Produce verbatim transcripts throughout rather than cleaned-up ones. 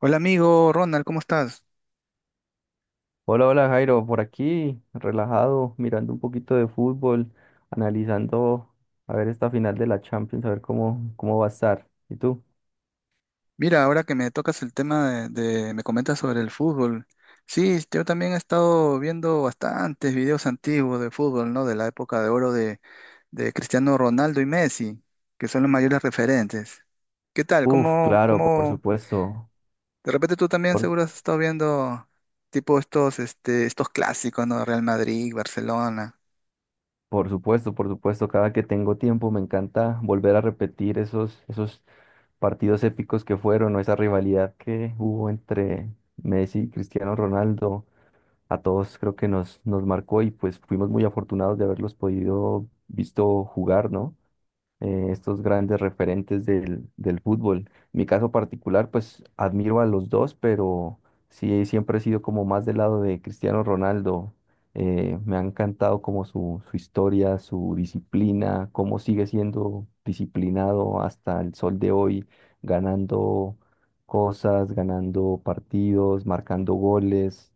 Hola amigo Ronald, ¿cómo estás? Hola, hola Jairo, por aquí, relajado, mirando un poquito de fútbol, analizando a ver esta final de la Champions, a ver cómo, cómo va a estar. ¿Y tú? Mira, ahora que me tocas el tema de, de- me comentas sobre el fútbol. Sí, yo también he estado viendo bastantes videos antiguos de fútbol, ¿no? De la época de oro de, de Cristiano Ronaldo y Messi, que son los mayores referentes. ¿Qué tal? Uf, ¿Cómo, claro, por cómo? supuesto, De repente tú también por, su- seguro has estado viendo tipo estos, este, estos clásicos, ¿no? Real Madrid, Barcelona. por supuesto, por supuesto, cada que tengo tiempo me encanta volver a repetir esos, esos partidos épicos que fueron, o esa rivalidad que hubo entre Messi y Cristiano Ronaldo. A todos creo que nos, nos marcó y pues fuimos muy afortunados de haberlos podido visto jugar, ¿no? Eh, estos grandes referentes del, del fútbol. Mi caso particular, pues admiro a los dos, pero sí siempre he sido como más del lado de Cristiano Ronaldo. Eh, me ha encantado como su, su historia, su disciplina, cómo sigue siendo disciplinado hasta el sol de hoy, ganando cosas, ganando partidos, marcando goles.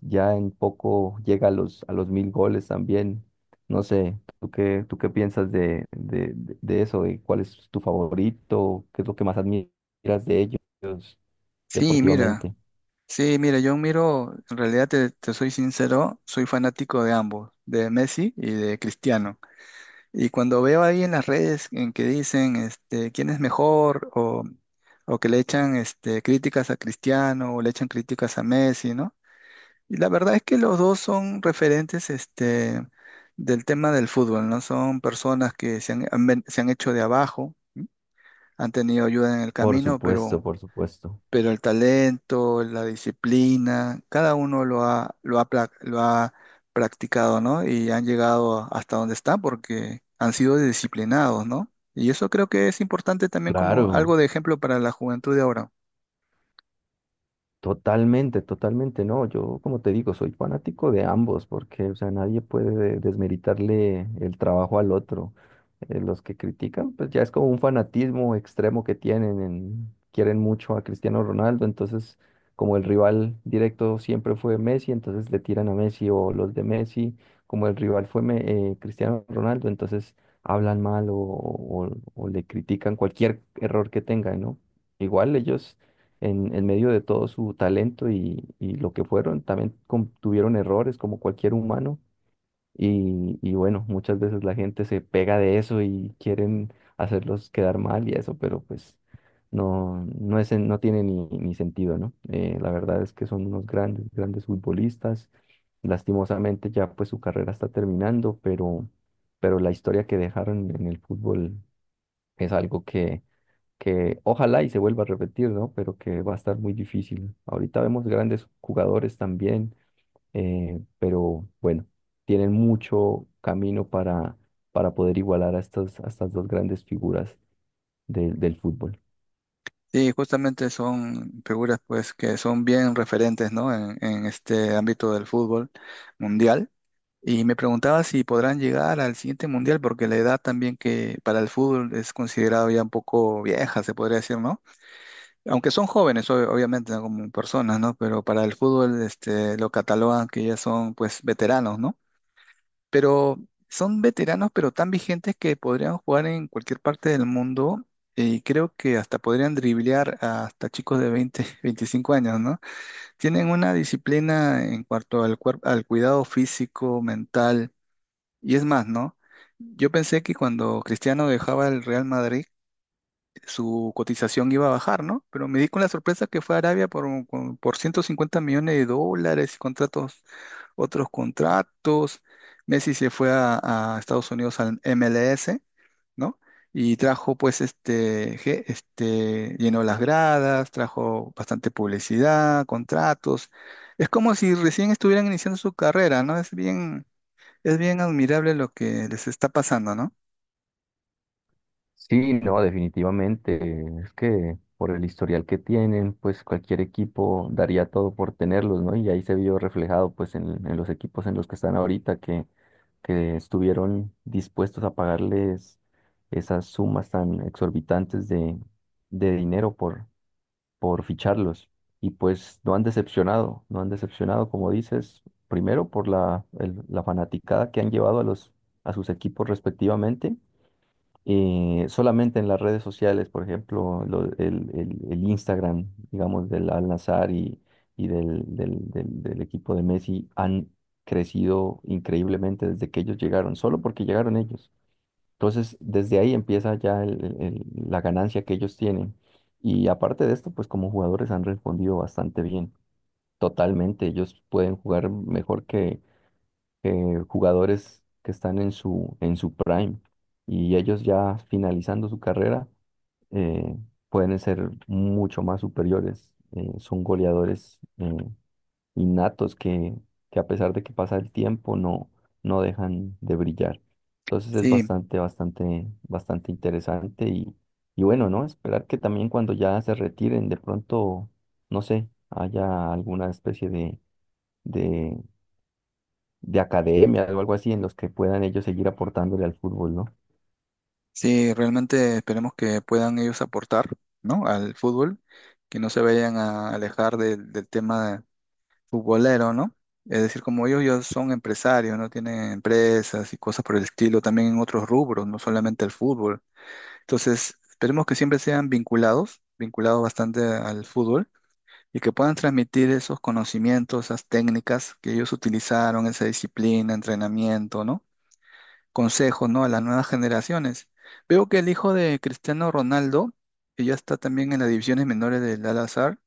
Ya en poco llega a los, a los mil goles también. No sé, ¿tú qué, tú qué piensas de, de, de- de eso? ¿De cuál es tu favorito? ¿Qué es lo que más admiras de ellos Sí, mira. deportivamente? Sí, mira, yo miro, en realidad te, te soy sincero, soy fanático de ambos, de Messi y de Cristiano. Y cuando veo ahí en las redes en que dicen este, quién es mejor o, o que le echan este, críticas a Cristiano o le echan críticas a Messi, ¿no? Y la verdad es que los dos son referentes este, del tema del fútbol, ¿no? Son personas que se han, han ven- se han hecho de abajo, han tenido ayuda en el Por camino, supuesto, pero por supuesto. pero el talento, la disciplina, cada uno lo ha, lo ha, pla- lo ha practicado, ¿no? Y han llegado a- hasta donde están porque han sido disciplinados, ¿no? Y eso creo que es importante también como algo Claro. de ejemplo para la juventud de ahora. Totalmente, totalmente, no, yo como te digo, soy fanático de ambos, porque, o sea, nadie puede desmeritarle el trabajo al otro. Eh, los que critican, pues ya es como un fanatismo extremo que tienen, en- quieren mucho a Cristiano Ronaldo, entonces como el rival directo siempre fue Messi, entonces le tiran a Messi o los de Messi, como el rival fue Me- eh, Cristiano Ronaldo, entonces hablan mal o, o o le critican cualquier error que tengan, ¿no? Igual ellos en, en medio de todo su talento y, y lo que fueron, también com- tuvieron errores como cualquier humano y, y bueno, muchas veces la gente se pega de eso y quieren hacerlos quedar mal y eso, pero pues no, no es, en- no tiene ni, ni sentido, ¿no? Eh, la verdad es que son unos grandes, grandes futbolistas. Lastimosamente ya pues su carrera está terminando, pero, pero la historia que dejaron en el fútbol es algo que que ojalá y se vuelva a repetir, ¿no? Pero que va a estar muy difícil. Ahorita vemos grandes jugadores también, eh, pero bueno, tienen mucho camino para, para poder igualar a estas, a estas dos grandes figuras del del fútbol. Sí, justamente son figuras pues que son bien referentes, ¿no? En, en este ámbito del fútbol mundial. Y me preguntaba si podrán llegar al siguiente mundial, porque la edad también que para el fútbol es considerado ya un poco vieja, se podría decir, ¿no? Aunque son jóvenes, ob- obviamente, ¿no? Como personas, ¿no? Pero para el fútbol, este, lo catalogan que ya son, pues, veteranos, ¿no? Pero son veteranos, pero tan vigentes que podrían jugar en cualquier parte del mundo y creo que hasta podrían driblear a hasta chicos de veinte, veinticinco años, ¿no? Tienen una disciplina en cuanto al cuerpo, al cuidado físico, mental y es más, ¿no? Yo pensé que cuando Cristiano dejaba el Real Madrid, su cotización iba a bajar, ¿no? Pero me di con la sorpresa que fue a Arabia por, un- con- por ciento cincuenta millones de dólares y contratos, otros contratos. Messi se fue a, a Estados Unidos al M L S, ¿no? Y trajo, pues, este, ge- este, llenó las gradas, trajo bastante publicidad, contratos. Es como si recién estuvieran iniciando su carrera, ¿no? Es bien, es bien admirable lo que les está pasando, ¿no? Sí, no, definitivamente. Es que por el historial que tienen, pues cualquier equipo daría todo por tenerlos, ¿no? Y ahí se vio reflejado pues en, en los equipos en los que están ahorita, que, que estuvieron dispuestos a pagarles esas sumas tan exorbitantes de, de dinero por, por ficharlos. Y pues no han decepcionado, no han decepcionado, como dices, primero por la, el- la fanaticada que han llevado a los, a sus equipos respectivamente. Eh, solamente en las redes sociales, por ejemplo, lo- el, el- el Instagram, digamos, del Al-Nassr y, y del, del, del- del equipo de Messi han crecido increíblemente desde que ellos llegaron, solo porque llegaron ellos. Entonces, desde ahí empieza ya el- el- el- la ganancia que ellos tienen. Y aparte de esto, pues como jugadores han respondido bastante bien. Totalmente, ellos pueden jugar mejor. Eh, jugadores que están en su, en su prime y ellos ya finalizando su carrera eh, pueden ser mucho más superiores. Eh, son goleadores eh, innatos que, que a pesar de que pasa el tiempo no, no dejan de brillar. Entonces es Sí. bastante, bastante, bastante interesante y, y bueno, ¿no? Esperar que también cuando ya se retiren de pronto, no sé, haya alguna especie de, de de academia o algo así en los que puedan ellos seguir aportándole al fútbol, ¿no? Sí, realmente esperemos que puedan ellos aportar, ¿no? Al fútbol, que no se vayan a alejar del, del tema futbolero, ¿no? Es decir, como ellos ya son empresarios, ¿no? Tienen empresas y cosas por el estilo, también en otros rubros, no solamente el fútbol. Entonces, esperemos que siempre sean vinculados, vinculados bastante al fútbol, y que puedan transmitir esos conocimientos, esas técnicas que ellos utilizaron, esa disciplina, entrenamiento, ¿no? Consejos, ¿no? A las nuevas generaciones. Veo que el hijo de Cristiano Ronaldo, que ya está también en las divisiones menores del Al-Azhar,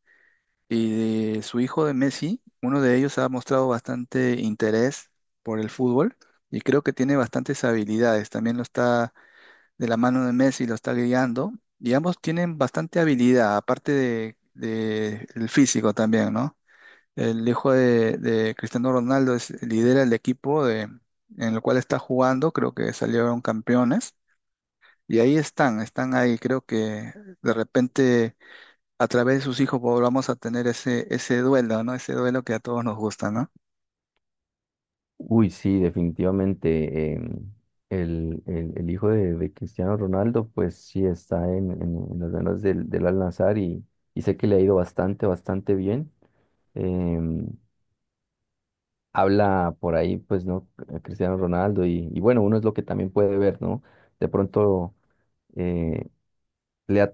y de su hijo de Messi, uno de ellos ha mostrado bastante interés por el fútbol y creo que tiene bastantes habilidades. También lo está de la mano de Messi, lo está guiando y ambos tienen bastante habilidad, aparte de, de el físico también, ¿no? El hijo de, de Cristiano Ronaldo es, lidera el equipo de, en el cual está jugando, creo que salieron campeones. Y ahí están, están ahí. Creo que de repente a través de sus hijos volvamos a tener ese, ese duelo, ¿no? Ese duelo que a todos nos gusta, ¿no? Uy, sí, definitivamente. Em, el, el- el hijo de, de Cristiano Ronaldo, pues sí está en, en, en las manos del, del Al-Nassr y, y sé que le ha ido bastante, bastante bien. Em, Habla por ahí, pues, ¿no? Eh, Cristiano Ronaldo y, y bueno, uno es lo que también puede ver, ¿no? De pronto, eh, le ha-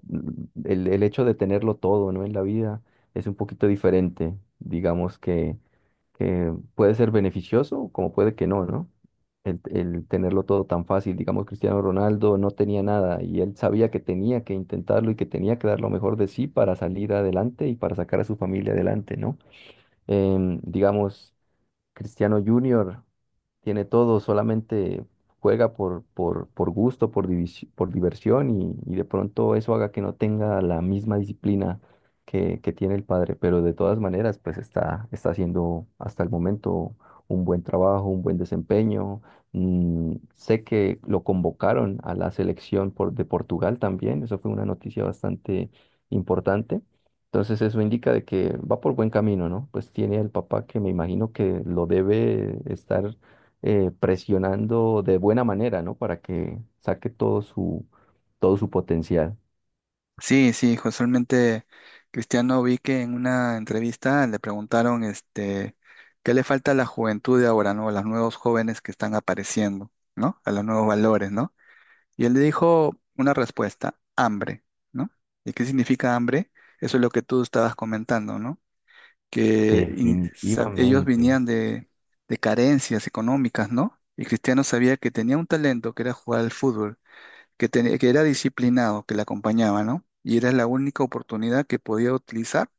el, el hecho de tenerlo todo, ¿no? En la vida es un poquito diferente. Digamos que que puede ser beneficioso como puede que no, ¿no? El, el tenerlo todo tan fácil. Digamos, Cristiano Ronaldo no tenía nada y él sabía que tenía que intentarlo y que tenía que dar lo mejor de sí para salir adelante y para sacar a su familia adelante, ¿no? Em, digamos, Cristiano Junior tiene todo, solamente juega por, por, por gusto, por, divis- por diversión y, y de pronto eso haga que no tenga la misma disciplina que, que tiene el padre, pero de todas maneras pues está, está haciendo hasta el momento un buen trabajo, un buen desempeño. Mm, sé que lo convocaron a la selección por, de Portugal también, eso fue una noticia bastante importante. Entonces eso indica de que va por buen camino, ¿no? Pues tiene el papá que me imagino que lo debe estar eh, presionando de buena manera, ¿no? Para que saque todo su, todo su potencial. Sí, sí, casualmente Cristiano vi que en una entrevista le preguntaron este, qué le falta a la juventud de ahora, ¿no? A los nuevos jóvenes que están apareciendo, ¿no? A los nuevos valores, ¿no? Y él le dijo una respuesta, hambre, ¿no? ¿Y qué significa hambre? Eso es lo que tú estabas comentando, ¿no? Que in- sa- ellos Definitivamente. venían de, de carencias económicas, ¿no? Y Cristiano sabía que tenía un talento, que era jugar al fútbol, que, tenía- que era disciplinado, que le acompañaba, ¿no? Y era la única oportunidad que podía utilizar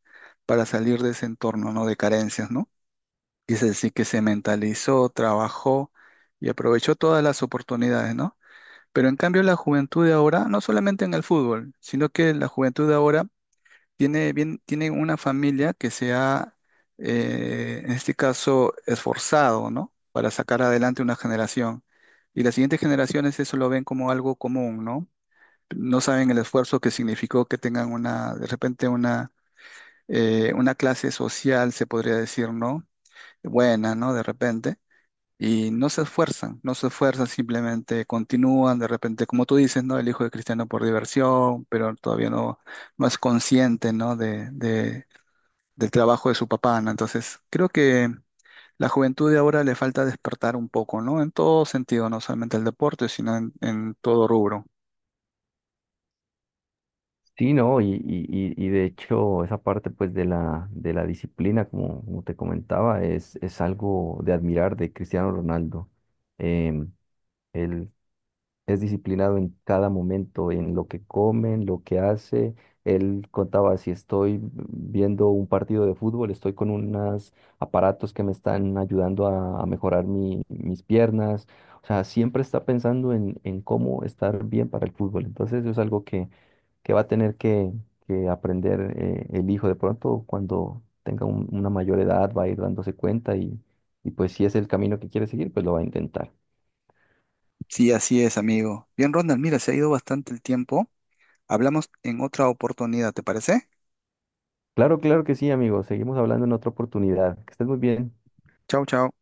para salir de ese entorno, ¿no? De carencias, ¿no? Y es decir, que se mentalizó, trabajó y aprovechó todas las oportunidades, ¿no? Pero en cambio la juventud de ahora, no solamente en el fútbol, sino que la juventud de ahora tiene, bien, tiene una familia que se ha, eh, en este caso, esforzado, ¿no? Para sacar adelante una generación. Y las siguientes generaciones eso lo ven como algo común, ¿no? No saben el esfuerzo que significó que tengan una, de repente, una, eh, una clase social, se podría decir, ¿no? Buena, ¿no? De repente. Y no se esfuerzan, no se esfuerzan, simplemente continúan, de repente, como tú dices, ¿no? El hijo de Cristiano por diversión, pero todavía no, no es consciente, ¿no? De, de- del trabajo de su papá, ¿no? Entonces, creo que la juventud de ahora le falta despertar un poco, ¿no? En todo sentido, no solamente el deporte, sino en, en todo rubro. Sí, no, y, y, y- y de hecho esa parte pues de la, de la disciplina, como, como te comentaba, es, es algo de admirar de Cristiano Ronaldo. El es disciplinado en cada momento, en lo que come, en lo que hace. Él contaba, si estoy viendo un partido de fútbol, estoy con unos aparatos que me están ayudando a, a mejorar mi- mis piernas. O sea, siempre está pensando en, en cómo estar bien para el fútbol. Entonces, eso es algo que, que va a tener que, que aprender eh, el hijo. De pronto, cuando tenga un- una mayor edad, va a ir dándose cuenta y, y pues si es el camino que quiere seguir, pues lo va a intentar. Sí, así es, amigo. Bien, Ronald, mira, se ha ido bastante el tiempo. Hablamos en otra oportunidad, ¿te parece? Claro, claro que sí, amigo. Seguimos hablando en otra oportunidad. Que estés muy bien. Chau, chau.